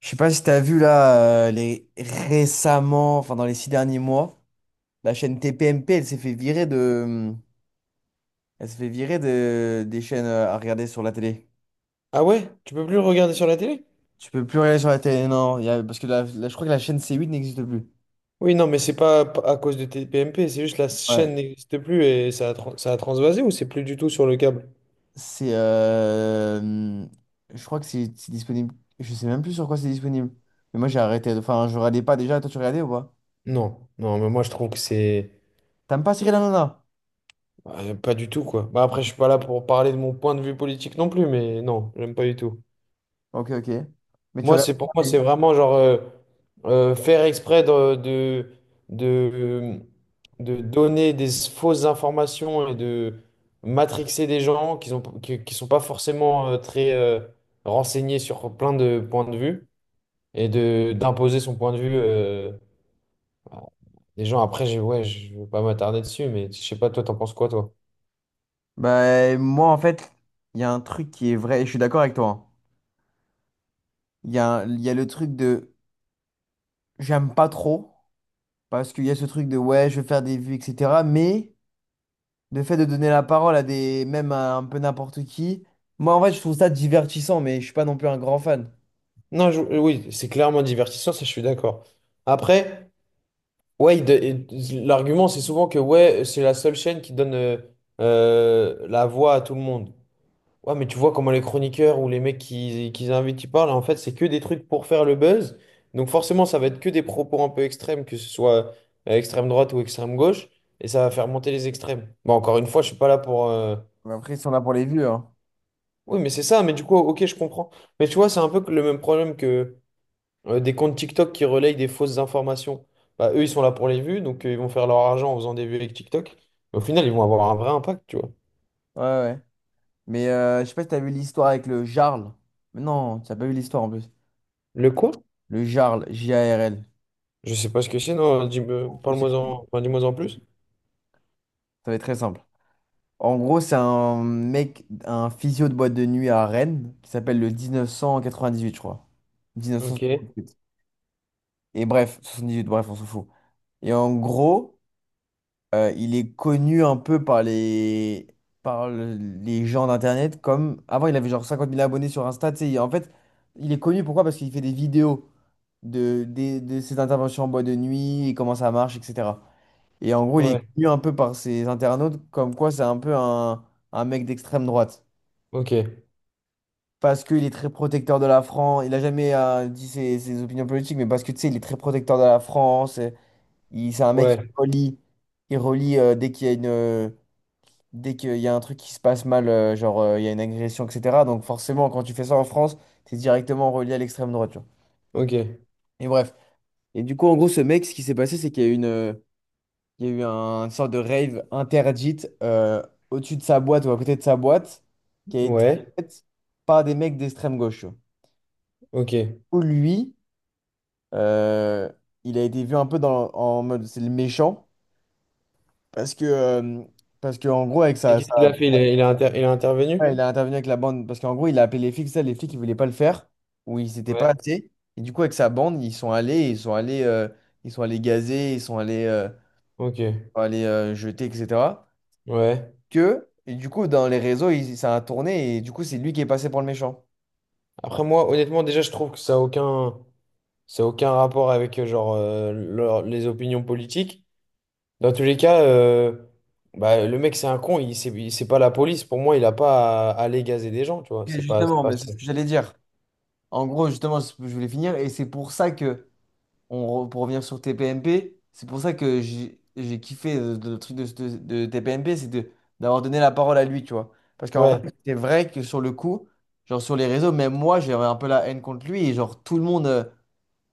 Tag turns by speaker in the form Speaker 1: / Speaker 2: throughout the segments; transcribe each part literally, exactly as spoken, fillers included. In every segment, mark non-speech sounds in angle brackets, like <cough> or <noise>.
Speaker 1: Je sais pas si t'as vu là euh, les récemment, enfin dans les six derniers mois, la chaîne T P M P, elle s'est fait virer de, hmm, elle s'est fait virer de des chaînes euh, à regarder sur la télé.
Speaker 2: Ah ouais? Tu peux plus le regarder sur la télé?
Speaker 1: Tu peux plus regarder sur la télé, non, il y a- parce que la- la- je crois que la chaîne C huit n'existe plus.
Speaker 2: Oui, non, mais c'est pas p- à cause de T P M P, c'est juste la
Speaker 1: Ouais.
Speaker 2: chaîne n'existe plus et ça a, tran- ça a transvasé ou c'est plus du tout sur le câble?
Speaker 1: C'est, euh, hmm, je crois que c'est c'est disponible. Je sais même plus sur quoi c'est disponible. Mais moi j'ai arrêté. de- Enfin, je regardais pas déjà. Toi tu regardais ou pas?
Speaker 2: Non, non, mais moi je trouve que c'est
Speaker 1: T'aimes pas Cyril Hanouna?
Speaker 2: euh, pas du tout quoi. Bah, après, je suis pas là pour parler de mon point de vue politique non plus, mais non, j'aime pas du tout.
Speaker 1: Ok, ok. Mais tu
Speaker 2: Moi,
Speaker 1: regardes.
Speaker 2: c'est pour moi, c'est vraiment genre euh, euh, faire exprès de, de, de, de donner des fausses informations et de matrixer des gens qui ont, qui, qui sont pas forcément euh, très euh, renseignés sur plein de points de vue et de d'imposer son point de vue euh, à des gens. Après, j'ai, ouais, je ne vais pas m'attarder dessus, mais je sais pas, toi, t'en penses quoi, toi?
Speaker 1: Bah, moi, en fait, il y a un truc qui est vrai, et je suis d'accord avec toi, hein. Il y a, un- il y a le truc de j'aime pas trop, parce qu'il y a ce truc de ouais, je veux faire des vues, et cetera. Mais le fait de donner la parole à des, même à un peu n'importe qui, moi, en fait, je trouve ça divertissant, mais je suis pas non plus un grand fan.
Speaker 2: Non, je- oui, c'est clairement divertissant, ça, je suis d'accord. Après. Ouais, il de- il- l'argument c'est souvent que ouais, c'est la seule chaîne qui donne euh, euh, la voix à tout le monde. Ouais, mais tu vois comment les chroniqueurs ou les mecs qui, qui invitent, ils parlent, en fait, c'est que des trucs pour faire le buzz. Donc forcément, ça va être que des propos un peu extrêmes, que ce soit euh, extrême droite ou extrême gauche, et ça va faire monter les extrêmes. Bon, encore une fois, je suis pas là pour. euh,
Speaker 1: Mais Après, si on a pour les vues, hein.
Speaker 2: Oui, mais c'est ça, mais du coup, ok, je comprends. Mais tu vois, c'est un peu que le même problème euh, des comptes TikTok qui relayent des fausses informations. Bah, eux, ils sont là pour les vues, donc euh, ils vont faire leur argent en faisant des vues avec TikTok. Mais au final, ils vont avoir un vrai impact, tu vois.
Speaker 1: Ouais, ouais. Mais euh, je sais pas si t'as vu l'histoire avec le Jarl. Mais non, t'as pas vu l'histoire en plus.
Speaker 2: Le quoi?
Speaker 1: Le Jarl, J-A-R-L.
Speaker 2: Je sais pas ce que c'est, non, dis-moi, parle-moi en, enfin, dis-moi en plus.
Speaker 1: Ça va être très simple. En gros, c'est un mec, un physio de boîte de nuit à Rennes, qui s'appelle le mille neuf cent quatre-vingt-dix-huit, je crois.
Speaker 2: Ok,
Speaker 1: mille neuf cent soixante-dix-huit. Et bref, soixante-dix-huit, bref, on s'en fout. Et en gros, euh, il est connu un peu par les, par le- les gens d'Internet comme... Avant, il avait genre cinquante mille abonnés sur Insta, tu sais. En fait, il est connu, pourquoi? Parce qu'il fait des vidéos de, des- de ses interventions en boîte de nuit, et comment ça marche, et cetera. Et en gros, il est
Speaker 2: ouais,
Speaker 1: connu un peu par ses internautes comme quoi c'est un peu un un mec d'extrême droite,
Speaker 2: ok,
Speaker 1: parce qu'il est très protecteur de la France. Il a jamais euh, dit ses, ses opinions politiques, mais parce que tu sais, il est très protecteur de la France. Et il, c'est un mec qui
Speaker 2: ouais,
Speaker 1: relie, il relie euh, dès qu'il y a une, euh, dès qu'il y a un truc qui se passe mal, euh, genre euh, il y a une agression, et cetera. Donc forcément, quand tu fais ça en France, t'es directement relié à l'extrême droite, tu vois.
Speaker 2: ok,
Speaker 1: Et bref. Et du coup, en gros, ce mec, ce qui s'est passé, c'est qu'il y a eu une, euh, il y a eu un- une sorte de rave interdite euh, au-dessus de sa boîte ou à côté de sa boîte qui a été
Speaker 2: ouais,
Speaker 1: faite par des mecs d'extrême gauche, tu vois.
Speaker 2: ok. Et
Speaker 1: Ou lui. Euh, il a été vu un peu dans, en mode c'est le méchant parce que euh, parce que en gros avec sa,
Speaker 2: qu'est-ce qu'il a
Speaker 1: sa-
Speaker 2: fait? Il
Speaker 1: sa-
Speaker 2: a, il a inter- il a intervenu?
Speaker 1: ouais, il a intervenu avec la bande parce qu'en gros il a appelé les flics, ça les flics ils voulaient pas le faire ou ils s'étaient pas
Speaker 2: Ouais.
Speaker 1: assez, et du coup avec sa bande ils sont allés ils sont allés euh, ils sont allés gazer, ils sont allés euh,
Speaker 2: Ok,
Speaker 1: allés euh, jeter, etc.,
Speaker 2: ouais.
Speaker 1: que et du coup dans les réseaux il, ça a tourné et du coup c'est lui qui est passé pour le méchant.
Speaker 2: Après, moi, honnêtement, déjà, je trouve que ça a aucun, ça a aucun rapport avec euh, genre, euh, leur- les opinions politiques. Dans tous les cas, euh, bah, le mec, c'est un con. Il, c'est, il- c'est pas la police. Pour moi, il a pas à, à, aller gazer des gens, tu vois.
Speaker 1: Ok,
Speaker 2: C'est pas, c'est
Speaker 1: justement
Speaker 2: pas
Speaker 1: mais c'est ce
Speaker 2: son.
Speaker 1: que j'allais dire en gros, justement c'est ce que je voulais finir et c'est pour ça que on re- pour revenir sur T P M P, c'est pour ça que j'ai j'ai kiffé euh, le truc de, de, de T P M P, c'est de d'avoir donné la parole à lui, tu vois. Parce qu'en vrai,
Speaker 2: Ouais,
Speaker 1: c'est vrai que sur le coup, genre sur les réseaux, même moi, j'avais un peu la haine contre lui, et genre tout le monde euh,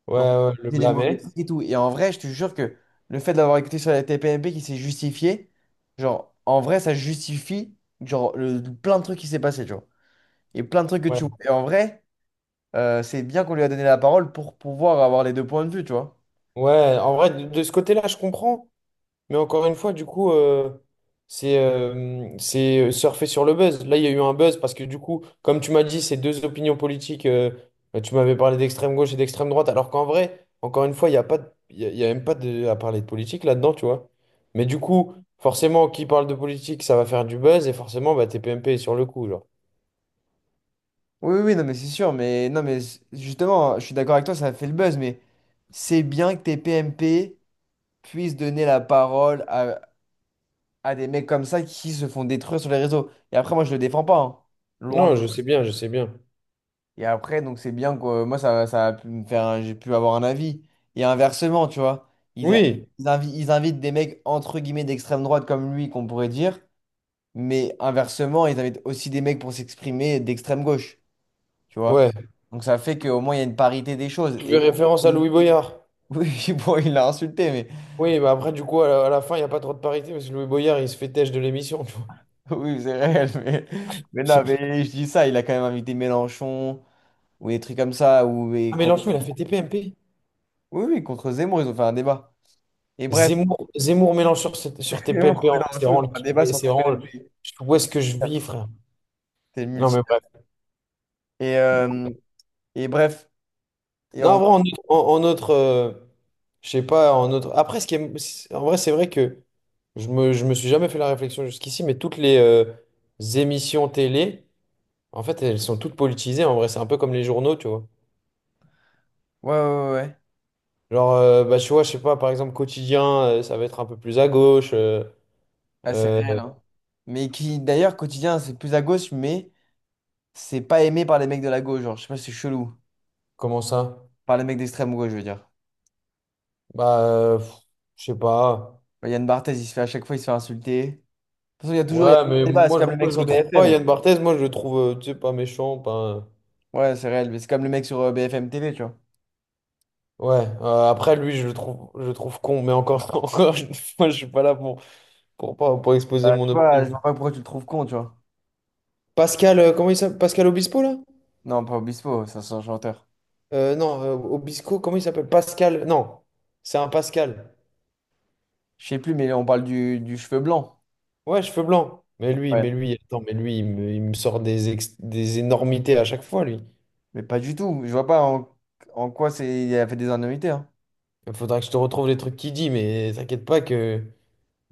Speaker 2: ouais,
Speaker 1: reprochait
Speaker 2: ouais, le
Speaker 1: les mauvais
Speaker 2: blâmer.
Speaker 1: trucs et tout. Et en vrai, je te jure que le fait d'avoir écouté sur la T P M P qui s'est justifié, genre en vrai, ça justifie genre le, plein de trucs qui s'est passé, tu vois. Et plein de trucs que tu
Speaker 2: Ouais,
Speaker 1: vois. Et en vrai, euh, c'est bien qu'on lui a donné la parole pour pouvoir avoir les deux points de vue, tu vois.
Speaker 2: ouais. En vrai, de, de ce côté-là, je comprends. Mais encore une fois, du coup, euh, c'est euh, c'est euh, surfer sur le buzz. Là, il y a eu un buzz parce que, du coup, comme tu m'as dit, c'est deux opinions politiques. euh, Tu m'avais parlé d'extrême gauche et d'extrême droite, alors qu'en vrai, encore une fois, il n'y a pas de- il y a, il y a même pas de, à parler de politique là-dedans, tu vois. Mais du coup, forcément, qui parle de politique, ça va faire du buzz et forcément, bah, T P M P est sur le coup, genre.
Speaker 1: Oui, oui, oui, non, mais c'est sûr, mais non, mais c- justement, je suis d'accord avec toi, ça a fait le buzz, mais c'est bien que tes P M P puissent donner la parole à, à des mecs comme ça qui se font détruire sur les réseaux. Et après, moi, je le défends pas, hein. Loin. de-
Speaker 2: Non, je sais bien, je sais bien.
Speaker 1: Et après, donc c'est bien que euh, moi, ça, ça a pu me faire, un- j'ai pu avoir un avis. Et inversement, tu vois, ils, a-
Speaker 2: Oui,
Speaker 1: ils, invi- ils invitent des mecs entre guillemets d'extrême droite comme lui, qu'on pourrait dire, mais inversement, ils invitent aussi des mecs pour s'exprimer d'extrême gauche, tu vois.
Speaker 2: ouais.
Speaker 1: Donc ça fait qu'au moins il y a une parité des choses.
Speaker 2: Tu
Speaker 1: Et
Speaker 2: fais référence à
Speaker 1: même...
Speaker 2: Louis Boyard.
Speaker 1: Oui, <laughs> bon, il l'a insulté, mais
Speaker 2: Oui, bah après, du coup, à la, à la fin, il n'y a pas trop de parité parce que Louis Boyard, il se fait têche de l'émission, tu vois.
Speaker 1: <laughs> oui, c'est réel. Mais... mais non, mais je dis ça, il a quand même invité Mélenchon ou des trucs comme ça. Ou... et
Speaker 2: Ah,
Speaker 1: con-
Speaker 2: Mélenchon, il a fait T P M P.
Speaker 1: oui, oui, contre Zemmour, ils ont fait un débat. Et bref,
Speaker 2: Zemmour, Zemmour Mélenchon sur, sur
Speaker 1: <laughs> Zemmour
Speaker 2: T P M P, en
Speaker 1: et
Speaker 2: vrai, c'est
Speaker 1: Mélenchon, ils
Speaker 2: vraiment,
Speaker 1: ont
Speaker 2: le-
Speaker 1: fait un
Speaker 2: kiff,
Speaker 1: débat sur
Speaker 2: c'est vraiment le-
Speaker 1: T P M P.
Speaker 2: où est-ce que je vis, frère?
Speaker 1: C'est
Speaker 2: Non,
Speaker 1: multi.
Speaker 2: mais bref.
Speaker 1: Et, euh, et bref, et
Speaker 2: Non, en
Speaker 1: on...
Speaker 2: vrai, en autre, en, en autre, euh, je sais pas, en autre. Après, ce qui est- c'est- en vrai, c'est vrai que je me, je me suis jamais fait la réflexion jusqu'ici, mais toutes les euh, émissions télé, en fait, elles sont toutes politisées. En vrai, c'est un peu comme les journaux, tu vois.
Speaker 1: ouais, ouais, ouais. Ouais.
Speaker 2: Genre, euh, bah, tu vois, je sais pas, par exemple, quotidien, euh, ça va être un peu plus à gauche. euh,
Speaker 1: Ah, c'est
Speaker 2: euh,
Speaker 1: réel, hein. Mais qui, d'ailleurs, quotidien, c'est plus à gauche, mais c'est pas aimé par les mecs de la gauche. Genre, je sais pas, si c'est chelou.
Speaker 2: Comment ça?
Speaker 1: Par les mecs d'extrême gauche, je veux dire.
Speaker 2: Bah, euh, pff, je sais pas.
Speaker 1: Bah, Yann Barthès, il se fait à chaque fois, il se fait insulter. De toute façon, il y a toujours il y a un
Speaker 2: Ouais, mais
Speaker 1: débat. C'est
Speaker 2: moi je,
Speaker 1: comme le mec
Speaker 2: moi, je
Speaker 1: sur
Speaker 2: le trouve pas,
Speaker 1: B F M.
Speaker 2: Yann Barthès, moi je le trouve, euh, tu sais, pas méchant, pas...
Speaker 1: Ouais, c'est réel, mais c'est comme le mec sur euh, B F M T V, tu vois.
Speaker 2: Ouais, euh, après lui, je le trouve, je le trouve con, mais encore, <laughs> encore, une fois, je suis pas là pour, pour, pour, pour exposer
Speaker 1: Euh, tu
Speaker 2: mon
Speaker 1: vois, je
Speaker 2: opinion.
Speaker 1: vois pas pourquoi tu le trouves con, tu vois.
Speaker 2: Pascal, euh, comment il s'appelle? Pascal Obispo, là?
Speaker 1: Non, pas Obispo, ça c'est un chanteur.
Speaker 2: Euh, non, euh, Obispo, comment il s'appelle? Pascal, non, c'est un Pascal.
Speaker 1: Je sais plus, mais on parle du, du cheveu blanc.
Speaker 2: Ouais, cheveux blancs. Mais lui, mais
Speaker 1: Ouais.
Speaker 2: lui, attends, mais lui, il me, il me sort des, ex- des énormités à chaque fois, lui.
Speaker 1: Mais pas du tout. Je vois pas en, en quoi c'est il a fait des anomalies.
Speaker 2: Il faudra que je te retrouve les trucs qu'il dit, mais t'inquiète pas que...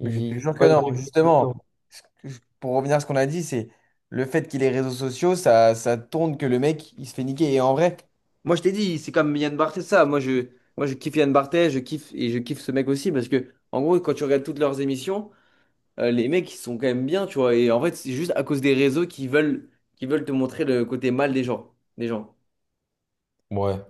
Speaker 1: Mais je te
Speaker 2: dit
Speaker 1: jure que
Speaker 2: pas de
Speaker 1: non.
Speaker 2: trucs tout le temps.
Speaker 1: Justement, ce que je- pour revenir à ce qu'on a dit, c'est le fait qu'il ait réseaux sociaux, ça, ça tourne que le mec, il se fait niquer. Et en vrai, moi je t'ai dit, c'est comme Yann Barthès, ça. Moi je, moi je kiffe Yann Barthès, je kiffe et je kiffe ce mec aussi parce que, en gros, quand tu regardes toutes leurs émissions, euh, les mecs, ils sont quand même bien, tu vois. Et en fait, c'est juste à cause des réseaux qui veulent, qui veulent te montrer le côté mal des gens, des gens.
Speaker 2: Ouais.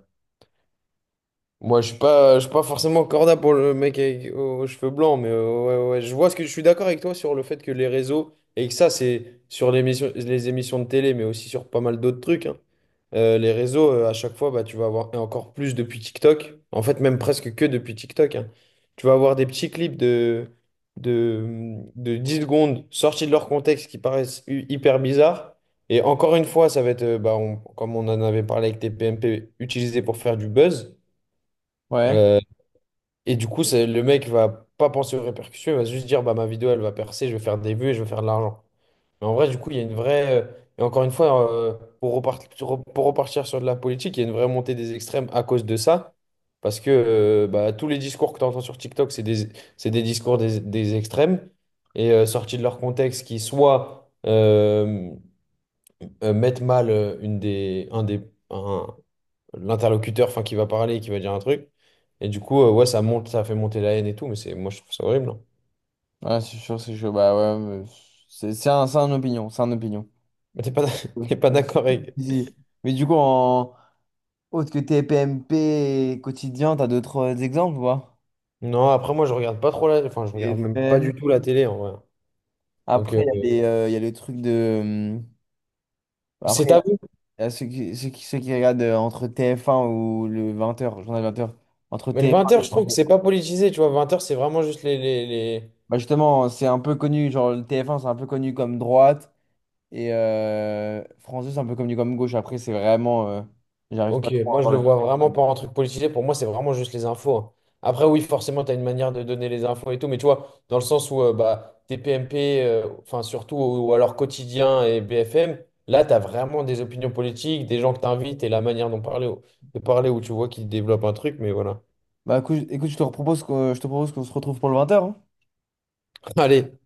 Speaker 2: Moi, je suis pas, je suis pas forcément corda pour le mec avec, aux, aux cheveux blancs, mais euh, ouais, ouais, je vois ce que je suis d'accord avec toi sur le fait que les réseaux, et que ça, c'est sur l'émission, les émissions de télé, mais aussi sur pas mal d'autres trucs, hein. Euh, les réseaux, euh, à chaque fois, bah, tu vas avoir, et encore plus depuis TikTok, en fait, même presque que depuis TikTok, hein. Tu vas avoir des petits clips de, de, de dix secondes sortis de leur contexte qui paraissent hu- hyper bizarres. Et encore une fois, ça va être, euh, bah, on- comme on en avait parlé avec tes P M P, utilisé pour faire du buzz.
Speaker 1: Ouais,
Speaker 2: euh, et du coup, c'est, le mec va pas penser aux répercussions, il va juste dire bah ma vidéo elle va percer, je vais faire des vues et je vais faire de l'argent. Mais en vrai, du coup, il y a une vraie. euh, Et encore une fois, euh, pour repartir, pour repartir sur de la politique, il y a une vraie montée des extrêmes à cause de ça. Parce que euh, bah, tous les discours que tu entends sur TikTok, c'est des, c'est des discours des, des extrêmes et euh, sortis de leur contexte qui soit euh, euh, mettent mal euh, une des, un des, un, l'interlocuteur enfin, qui va parler, qui va dire un truc. Et du coup, euh, ouais, ça monte, ça fait monter la haine et tout, mais c'est moi je trouve ça horrible. hein.
Speaker 1: ouais, c'est sûr, c'est sûr. Bah ouais, mais c'est c'est un, c'est un opinion, c'est un opinion.
Speaker 2: Mais t'es pas, d'ac- <laughs>
Speaker 1: Ouais.
Speaker 2: t'es pas d'accord avec.
Speaker 1: Si, si. Mais du coup, en, Autre que T P M P quotidien, t'as d'autres exemples, ou pas?
Speaker 2: Non, après moi je regarde pas trop la. Enfin, je regarde même pas
Speaker 1: T F M.
Speaker 2: du tout la télé en vrai. Donc
Speaker 1: Après,
Speaker 2: euh,
Speaker 1: il y a les, euh, il y a le truc de. hum, Après,
Speaker 2: c'est à vous.
Speaker 1: il y a ceux qui, ceux qui, ceux qui regardent euh, entre T F un ou le vingt heures, journal vingt heures. Entre
Speaker 2: Mais le vingt heures je
Speaker 1: T F un et
Speaker 2: trouve que
Speaker 1: trente.
Speaker 2: c'est pas politisé, tu vois. vingt heures c'est vraiment juste les, les, les-
Speaker 1: Bah justement, c'est un peu connu. Genre, le T F un, c'est un peu connu comme droite. Et euh, France deux, c'est un peu connu comme gauche. Après, c'est vraiment. Euh, j'arrive pas
Speaker 2: Ok,
Speaker 1: trop à
Speaker 2: moi je
Speaker 1: voir
Speaker 2: le
Speaker 1: la
Speaker 2: vois
Speaker 1: différence.
Speaker 2: vraiment pas en truc politisé, pour moi c'est vraiment juste les infos. hein. Après oui, forcément tu as une manière de donner les infos et tout, mais tu vois, dans le sens où euh, bah, T P M P, euh, enfin surtout, ou, ou alors Quotidien et B F M, là tu as vraiment des opinions politiques, des gens que tu invites et la manière dont parler, au- de parler où tu vois qu'ils développent un truc, mais voilà.
Speaker 1: Bah écoute, écoute, je te propose que je te propose qu'on se retrouve pour le vingt heures.
Speaker 2: <laughs> Allez,